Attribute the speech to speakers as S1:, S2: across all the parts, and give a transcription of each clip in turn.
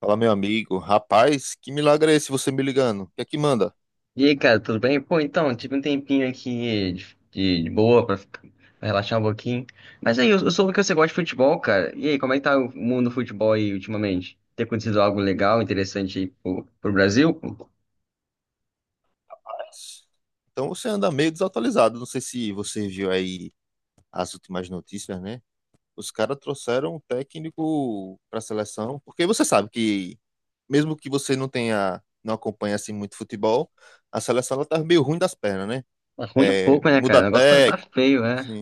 S1: Fala, meu amigo. Rapaz, que milagre é esse você me ligando? O que é que manda?
S2: E aí, cara, tudo bem? Pô, então, tive um tempinho aqui de boa pra, pra relaxar um pouquinho. Mas aí, eu soube que você gosta de futebol, cara. E aí, como é que tá o mundo do futebol aí ultimamente? Tem acontecido algo legal, interessante aí pro Brasil?
S1: Rapaz, então você anda meio desatualizado. Não sei se você viu aí as últimas notícias, né? Os caras trouxeram um técnico para a seleção, porque você sabe que, mesmo que você não tenha, não acompanhe assim muito futebol, a seleção ela tá meio ruim das pernas, né?
S2: Mas ruim é
S1: É,
S2: pouco, né, cara? O negócio tá feio, né?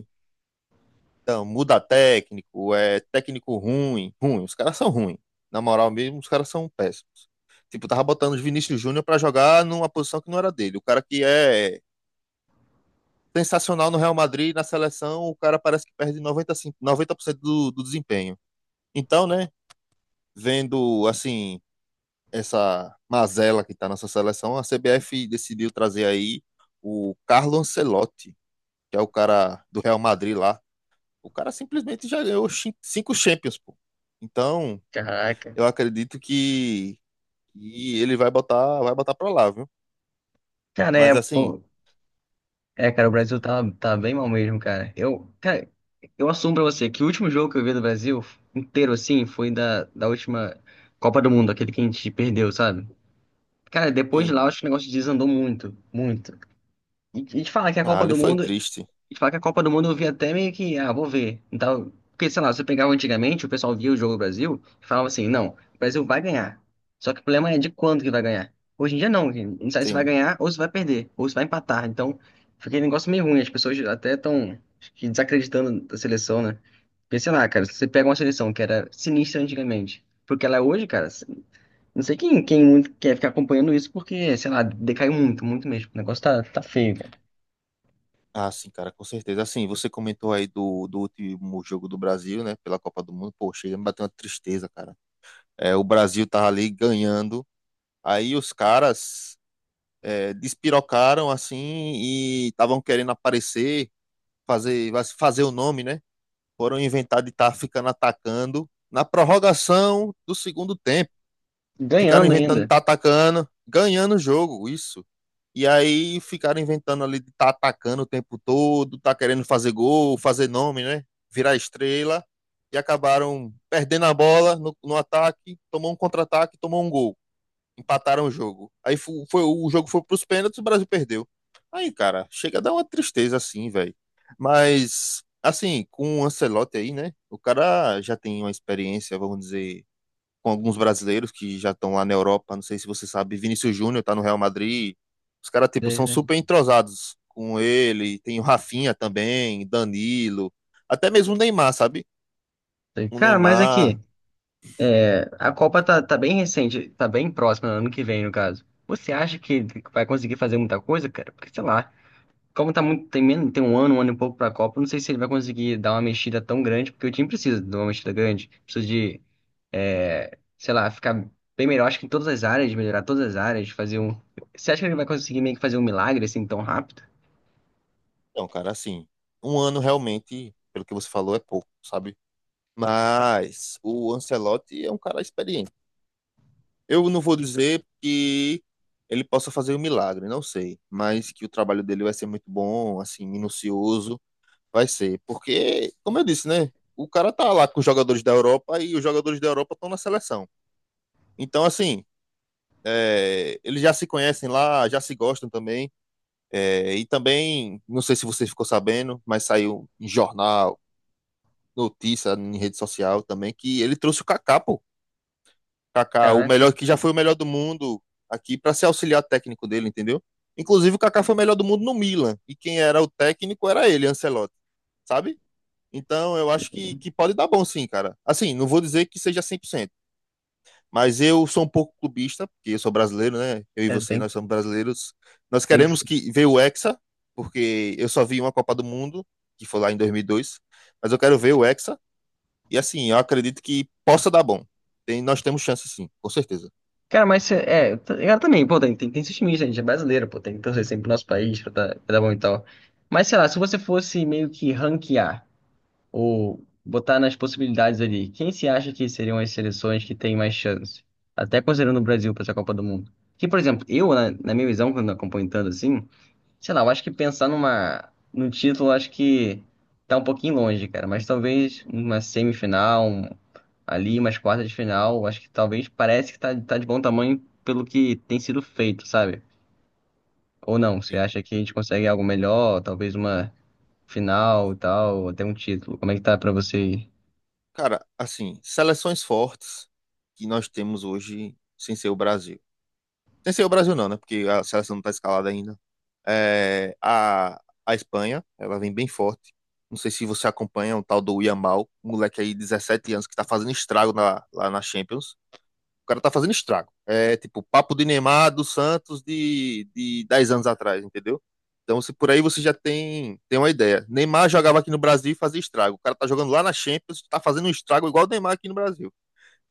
S1: então, muda técnico, é técnico ruim, ruim, os caras são ruins. Na moral mesmo, os caras são péssimos. Tipo, tava botando o Vinícius Júnior pra jogar numa posição que não era dele. O cara que é sensacional no Real Madrid, na seleção, o cara parece que perde 90, 90% do desempenho. Então, né, vendo assim essa mazela que tá nessa seleção, a CBF decidiu trazer aí o Carlo Ancelotti, que é o cara do Real Madrid lá. O cara simplesmente já ganhou cinco Champions, pô. Então,
S2: Caraca.
S1: eu acredito que, que ele vai botar pra lá, viu?
S2: Cara, é,
S1: Mas assim,
S2: pô. É, cara, o Brasil
S1: sim,
S2: tá bem mal mesmo, cara. Eu, cara, eu assumo pra você que o último jogo que eu vi do Brasil inteiro, assim, foi da última Copa do Mundo, aquele que a gente perdeu, sabe? Cara, depois de
S1: sim.
S2: lá, eu acho que o negócio desandou muito, muito. E te falar que a
S1: Ah,
S2: Copa
S1: ali
S2: do
S1: foi
S2: Mundo, e
S1: triste.
S2: te falar que a Copa do Mundo eu vi até meio que, ah, vou ver. Então, porque, sei lá, você pegava antigamente, o pessoal via o jogo do Brasil e falava assim, não, o Brasil vai ganhar. Só que o problema é de quando que vai ganhar. Hoje em dia não, que não sabe se vai
S1: Sim.
S2: ganhar ou se vai perder, ou se vai empatar. Então, fica um negócio meio ruim, as pessoas até estão desacreditando da seleção, né? Porque, sei lá, cara, se você pega uma seleção que era sinistra antigamente, porque ela é hoje, cara. Não sei quem muito quer ficar acompanhando isso, porque, sei lá, decaiu muito, muito mesmo. O negócio tá feio, cara.
S1: Ah, sim, cara, com certeza. Assim, você comentou aí do último jogo do Brasil, né? Pela Copa do Mundo. Pô, chega, me bateu uma tristeza, cara. É, o Brasil tava ali ganhando. Aí os caras despirocaram, assim, e estavam querendo aparecer, fazer, fazer o nome, né? Foram inventar de estar tá ficando atacando na prorrogação do segundo tempo. Ficaram
S2: Ganhando
S1: inventando de
S2: ainda.
S1: estar tá atacando, ganhando o jogo, isso. E aí ficaram inventando ali de estar tá atacando o tempo todo, tá querendo fazer gol, fazer nome, né? Virar estrela. E acabaram perdendo a bola no ataque, tomou um contra-ataque, tomou um gol, empataram o jogo. Aí foi, o jogo foi pros pênaltis, e o Brasil perdeu. Aí, cara, chega a dar uma tristeza assim, velho. Mas, assim, com o Ancelotti aí, né? O cara já tem uma experiência, vamos dizer, com alguns brasileiros que já estão lá na Europa. Não sei se você sabe, Vinícius Júnior tá no Real Madrid. Os caras, tipo, são
S2: É,
S1: super entrosados com ele. Tem o Rafinha também, Danilo. Até mesmo o Neymar, sabe?
S2: é.
S1: O
S2: Cara, mas aqui,
S1: Neymar.
S2: é, a Copa tá bem recente, tá bem próxima, ano que vem, no caso. Você acha que vai conseguir fazer muita coisa, cara? Porque, sei lá, como tá muito, tem, tem um ano e pouco pra Copa, eu não sei se ele vai conseguir dar uma mexida tão grande, porque o time precisa de uma mexida grande. Precisa de, é, sei lá, ficar bem melhor, acho que em todas as áreas, melhorar todas as áreas, fazer um. Você acha que ele vai conseguir meio que fazer um milagre assim tão rápido?
S1: Então, cara, assim, um ano realmente, pelo que você falou, é pouco, sabe? Mas o Ancelotti é um cara experiente. Eu não vou dizer que ele possa fazer um milagre, não sei. Mas que o trabalho dele vai ser muito bom, assim, minucioso, vai ser. Porque, como eu disse, né? O cara tá lá com os jogadores da Europa e os jogadores da Europa estão na seleção. Então, assim, é, eles já se conhecem lá, já se gostam também. É, e também, não sei se você ficou sabendo, mas saiu em jornal, notícia, em rede social também, que ele trouxe o Kaká, pô. Kaká, o
S2: Caraca,
S1: melhor que já foi o melhor do mundo, aqui para ser auxiliar técnico dele, entendeu? Inclusive o Kaká foi o melhor do mundo no Milan e quem era o técnico era ele, Ancelotti, sabe? Então eu acho que pode dar bom sim, cara. Assim, não vou dizer que seja 100%, mas eu sou um pouco clubista, porque eu sou brasileiro, né? Eu e
S2: é,
S1: você,
S2: tem,
S1: nós somos brasileiros. Nós
S2: tem que
S1: queremos
S2: ser.
S1: que ver o Hexa, porque eu só vi uma Copa do Mundo, que foi lá em 2002, mas eu quero ver o Hexa e assim, eu acredito que possa dar bom. Tem, nós temos chance sim, com certeza.
S2: Cara, mas é, eu também, pô, tem esse time, gente, é brasileiro, pô, tem que torcer sempre pro nosso país pra dar bom e tal. Mas sei lá, se você fosse meio que ranquear, ou botar nas possibilidades ali, quem se acha que seriam as seleções que têm mais chance? Até considerando o Brasil para essa Copa do Mundo. Que, por exemplo, eu, na minha visão, quando acompanho tanto assim, sei lá, eu acho que pensar num título, eu acho que tá um pouquinho longe, cara. Mas talvez uma semifinal, ali, umas quartas de final, eu acho que talvez parece que tá de bom tamanho pelo que tem sido feito, sabe? Ou não, você
S1: Sim.
S2: acha que a gente consegue algo melhor, talvez uma final e tal, ou até um título? Como é que tá pra você? Aí?
S1: Cara, assim, seleções fortes que nós temos hoje sem ser o Brasil. Sem ser o Brasil não, né? Porque a seleção não tá escalada ainda. É, a Espanha, ela vem bem forte. Não sei se você acompanha o tal do Yamal, um moleque aí de 17 anos que tá fazendo estrago lá na Champions. O cara tá fazendo estrago. É tipo papo de Neymar do Santos de 10 anos atrás, entendeu? Então, se por aí você já tem, tem uma ideia. Neymar jogava aqui no Brasil e fazia estrago. O cara tá jogando lá na Champions, tá fazendo um estrago igual o Neymar aqui no Brasil.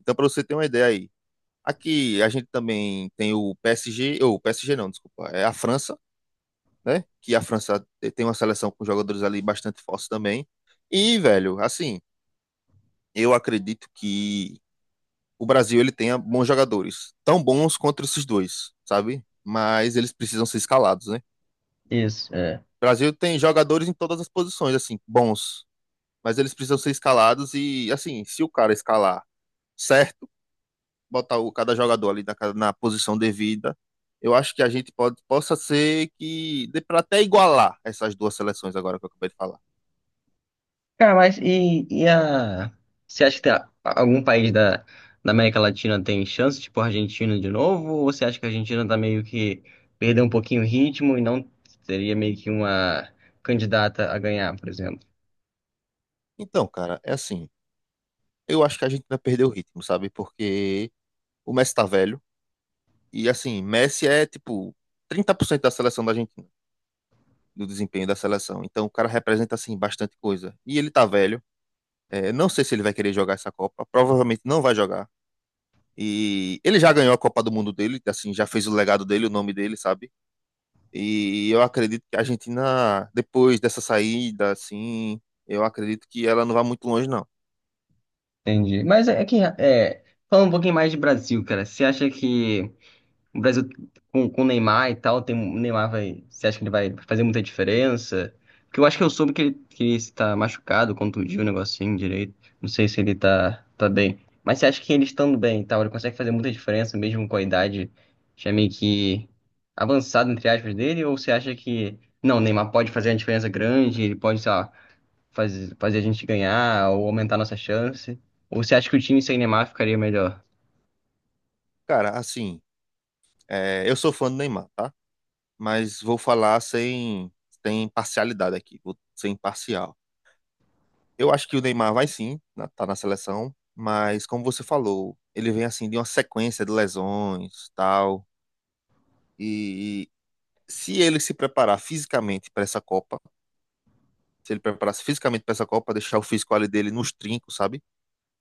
S1: Então, para você ter uma ideia aí. Aqui a gente também tem o PSG, ou PSG não, desculpa, é a França, né? Que a França tem uma seleção com jogadores ali bastante fortes também. E, velho, assim, eu acredito que o Brasil ele tenha bons jogadores, tão bons quanto esses dois, sabe? Mas eles precisam ser escalados, né?
S2: Isso, é.
S1: O Brasil tem jogadores em todas as posições, assim, bons, mas eles precisam ser escalados e, assim, se o cara escalar certo, botar cada jogador ali na posição devida, eu acho que a gente pode, possa ser que dê para até igualar essas duas seleções agora que eu acabei de falar.
S2: Cara, mas e a. Você acha que tem algum país da, da América Latina tem chance, tipo a Argentina de novo? Ou você acha que a Argentina tá meio que perdeu um pouquinho o ritmo e não seria meio que uma candidata a ganhar, por exemplo?
S1: Então, cara, é assim, eu acho que a gente vai perder o ritmo, sabe? Porque o Messi tá velho. E assim, Messi é tipo 30% da seleção da Argentina, do desempenho da seleção. Então o cara representa assim bastante coisa. E ele tá velho. É, não sei se ele vai querer jogar essa Copa. Provavelmente não vai jogar. E ele já ganhou a Copa do Mundo dele, assim, já fez o legado dele, o nome dele, sabe? E eu acredito que a Argentina, depois dessa saída, assim, eu acredito que ela não vai muito longe, não.
S2: Entendi. Mas é que. É, falando um pouquinho mais de Brasil, cara, você acha que. O Brasil com o Neymar e tal, tem, o Neymar vai. Você acha que ele vai fazer muita diferença? Porque eu acho que eu soube que ele está machucado, contundiu o negocinho direito. Não sei se ele tá bem. Mas você acha que ele estando bem e tal, ele consegue fazer muita diferença mesmo com a idade já meio que avançada, entre aspas, dele? Ou você acha que. Não, o Neymar pode fazer uma diferença grande, ele pode, sei lá, fazer, fazer a gente ganhar ou aumentar a nossa chance? Ou você acha que o time sem Neymar ficaria melhor?
S1: Cara, assim, é, eu sou fã do Neymar, tá? Mas vou falar sem parcialidade aqui, vou ser imparcial. Eu acho que o Neymar vai sim, tá na seleção, mas como você falou, ele vem assim de uma sequência de lesões, tal, e, se ele se preparar fisicamente para essa Copa, se ele preparasse fisicamente para essa Copa, deixar o físico ali dele nos trincos, sabe?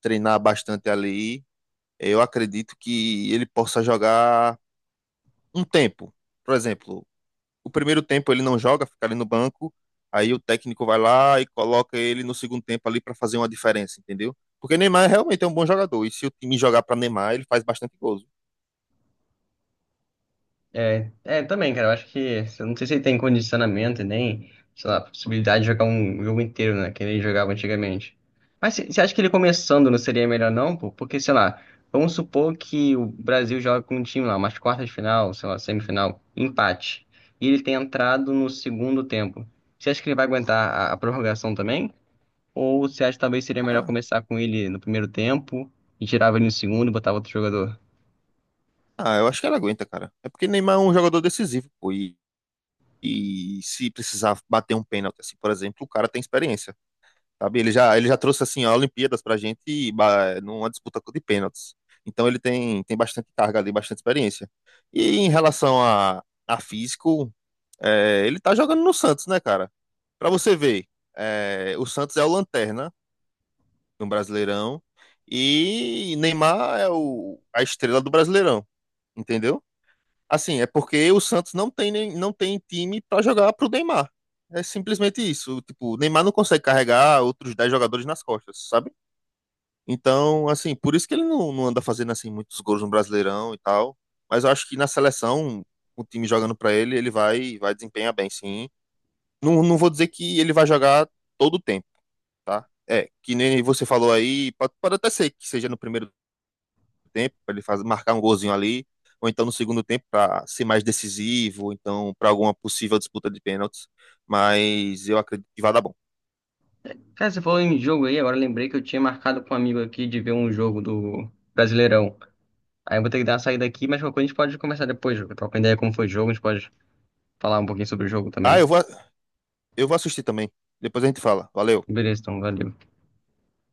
S1: Treinar bastante ali, eu acredito que ele possa jogar um tempo. Por exemplo, o primeiro tempo ele não joga, fica ali no banco, aí o técnico vai lá e coloca ele no segundo tempo ali para fazer uma diferença, entendeu? Porque Neymar realmente é um bom jogador, e se o time jogar para Neymar, ele faz bastante gols.
S2: É, é, também, cara, eu acho que, eu não sei se ele tem condicionamento e nem, sei lá, possibilidade de jogar um jogo inteiro, né, que ele jogava antigamente. Mas você acha que ele começando não seria melhor não, pô? Porque, sei lá, vamos supor que o Brasil joga com um time lá, umas quartas de final, sei lá, semifinal, empate, e ele tem entrado no segundo tempo. Você acha que ele vai aguentar a prorrogação também? Ou você acha que talvez seria melhor
S1: Ah,
S2: começar com ele no primeiro tempo e tirava ele no segundo e botava outro jogador?
S1: eu acho que ele aguenta, cara. É porque Neymar é um jogador decisivo, pô, e se precisar bater um pênalti, assim, por exemplo, o cara tem experiência. Sabe? Ele já trouxe assim a Olimpíadas pra gente e, numa disputa de pênaltis. Então ele tem bastante carga ali, bastante experiência. E em relação a físico, é, ele tá jogando no Santos, né, cara? Pra você ver, é, o Santos é o lanterna no Brasileirão e Neymar é o, a estrela do Brasileirão, entendeu? Assim, é porque o Santos não tem time para jogar pro Neymar. É simplesmente isso. Tipo, o Neymar não consegue carregar outros 10 jogadores nas costas, sabe? Então, assim, por isso que ele não anda fazendo assim muitos gols no Brasileirão e tal. Mas eu acho que na seleção, o time jogando para ele, ele vai desempenhar bem, sim. Não, não vou dizer que ele vai jogar todo o tempo, tá? É, que nem você falou aí, pode até ser que seja no primeiro tempo, para ele fazer, marcar um golzinho ali, ou então no segundo tempo para ser mais decisivo, ou então para alguma possível disputa de pênaltis. Mas eu acredito que vai dar bom.
S2: Cara, você falou em jogo aí, agora eu lembrei que eu tinha marcado com um amigo aqui de ver um jogo do Brasileirão. Aí eu vou ter que dar uma saída aqui, mas qualquer coisa a gente pode conversar depois, jogo. Troca ideia como foi o jogo, a gente pode falar um pouquinho sobre o jogo
S1: Ah,
S2: também.
S1: eu vou assistir também. Depois a gente fala. Valeu.
S2: Beleza, então, valeu.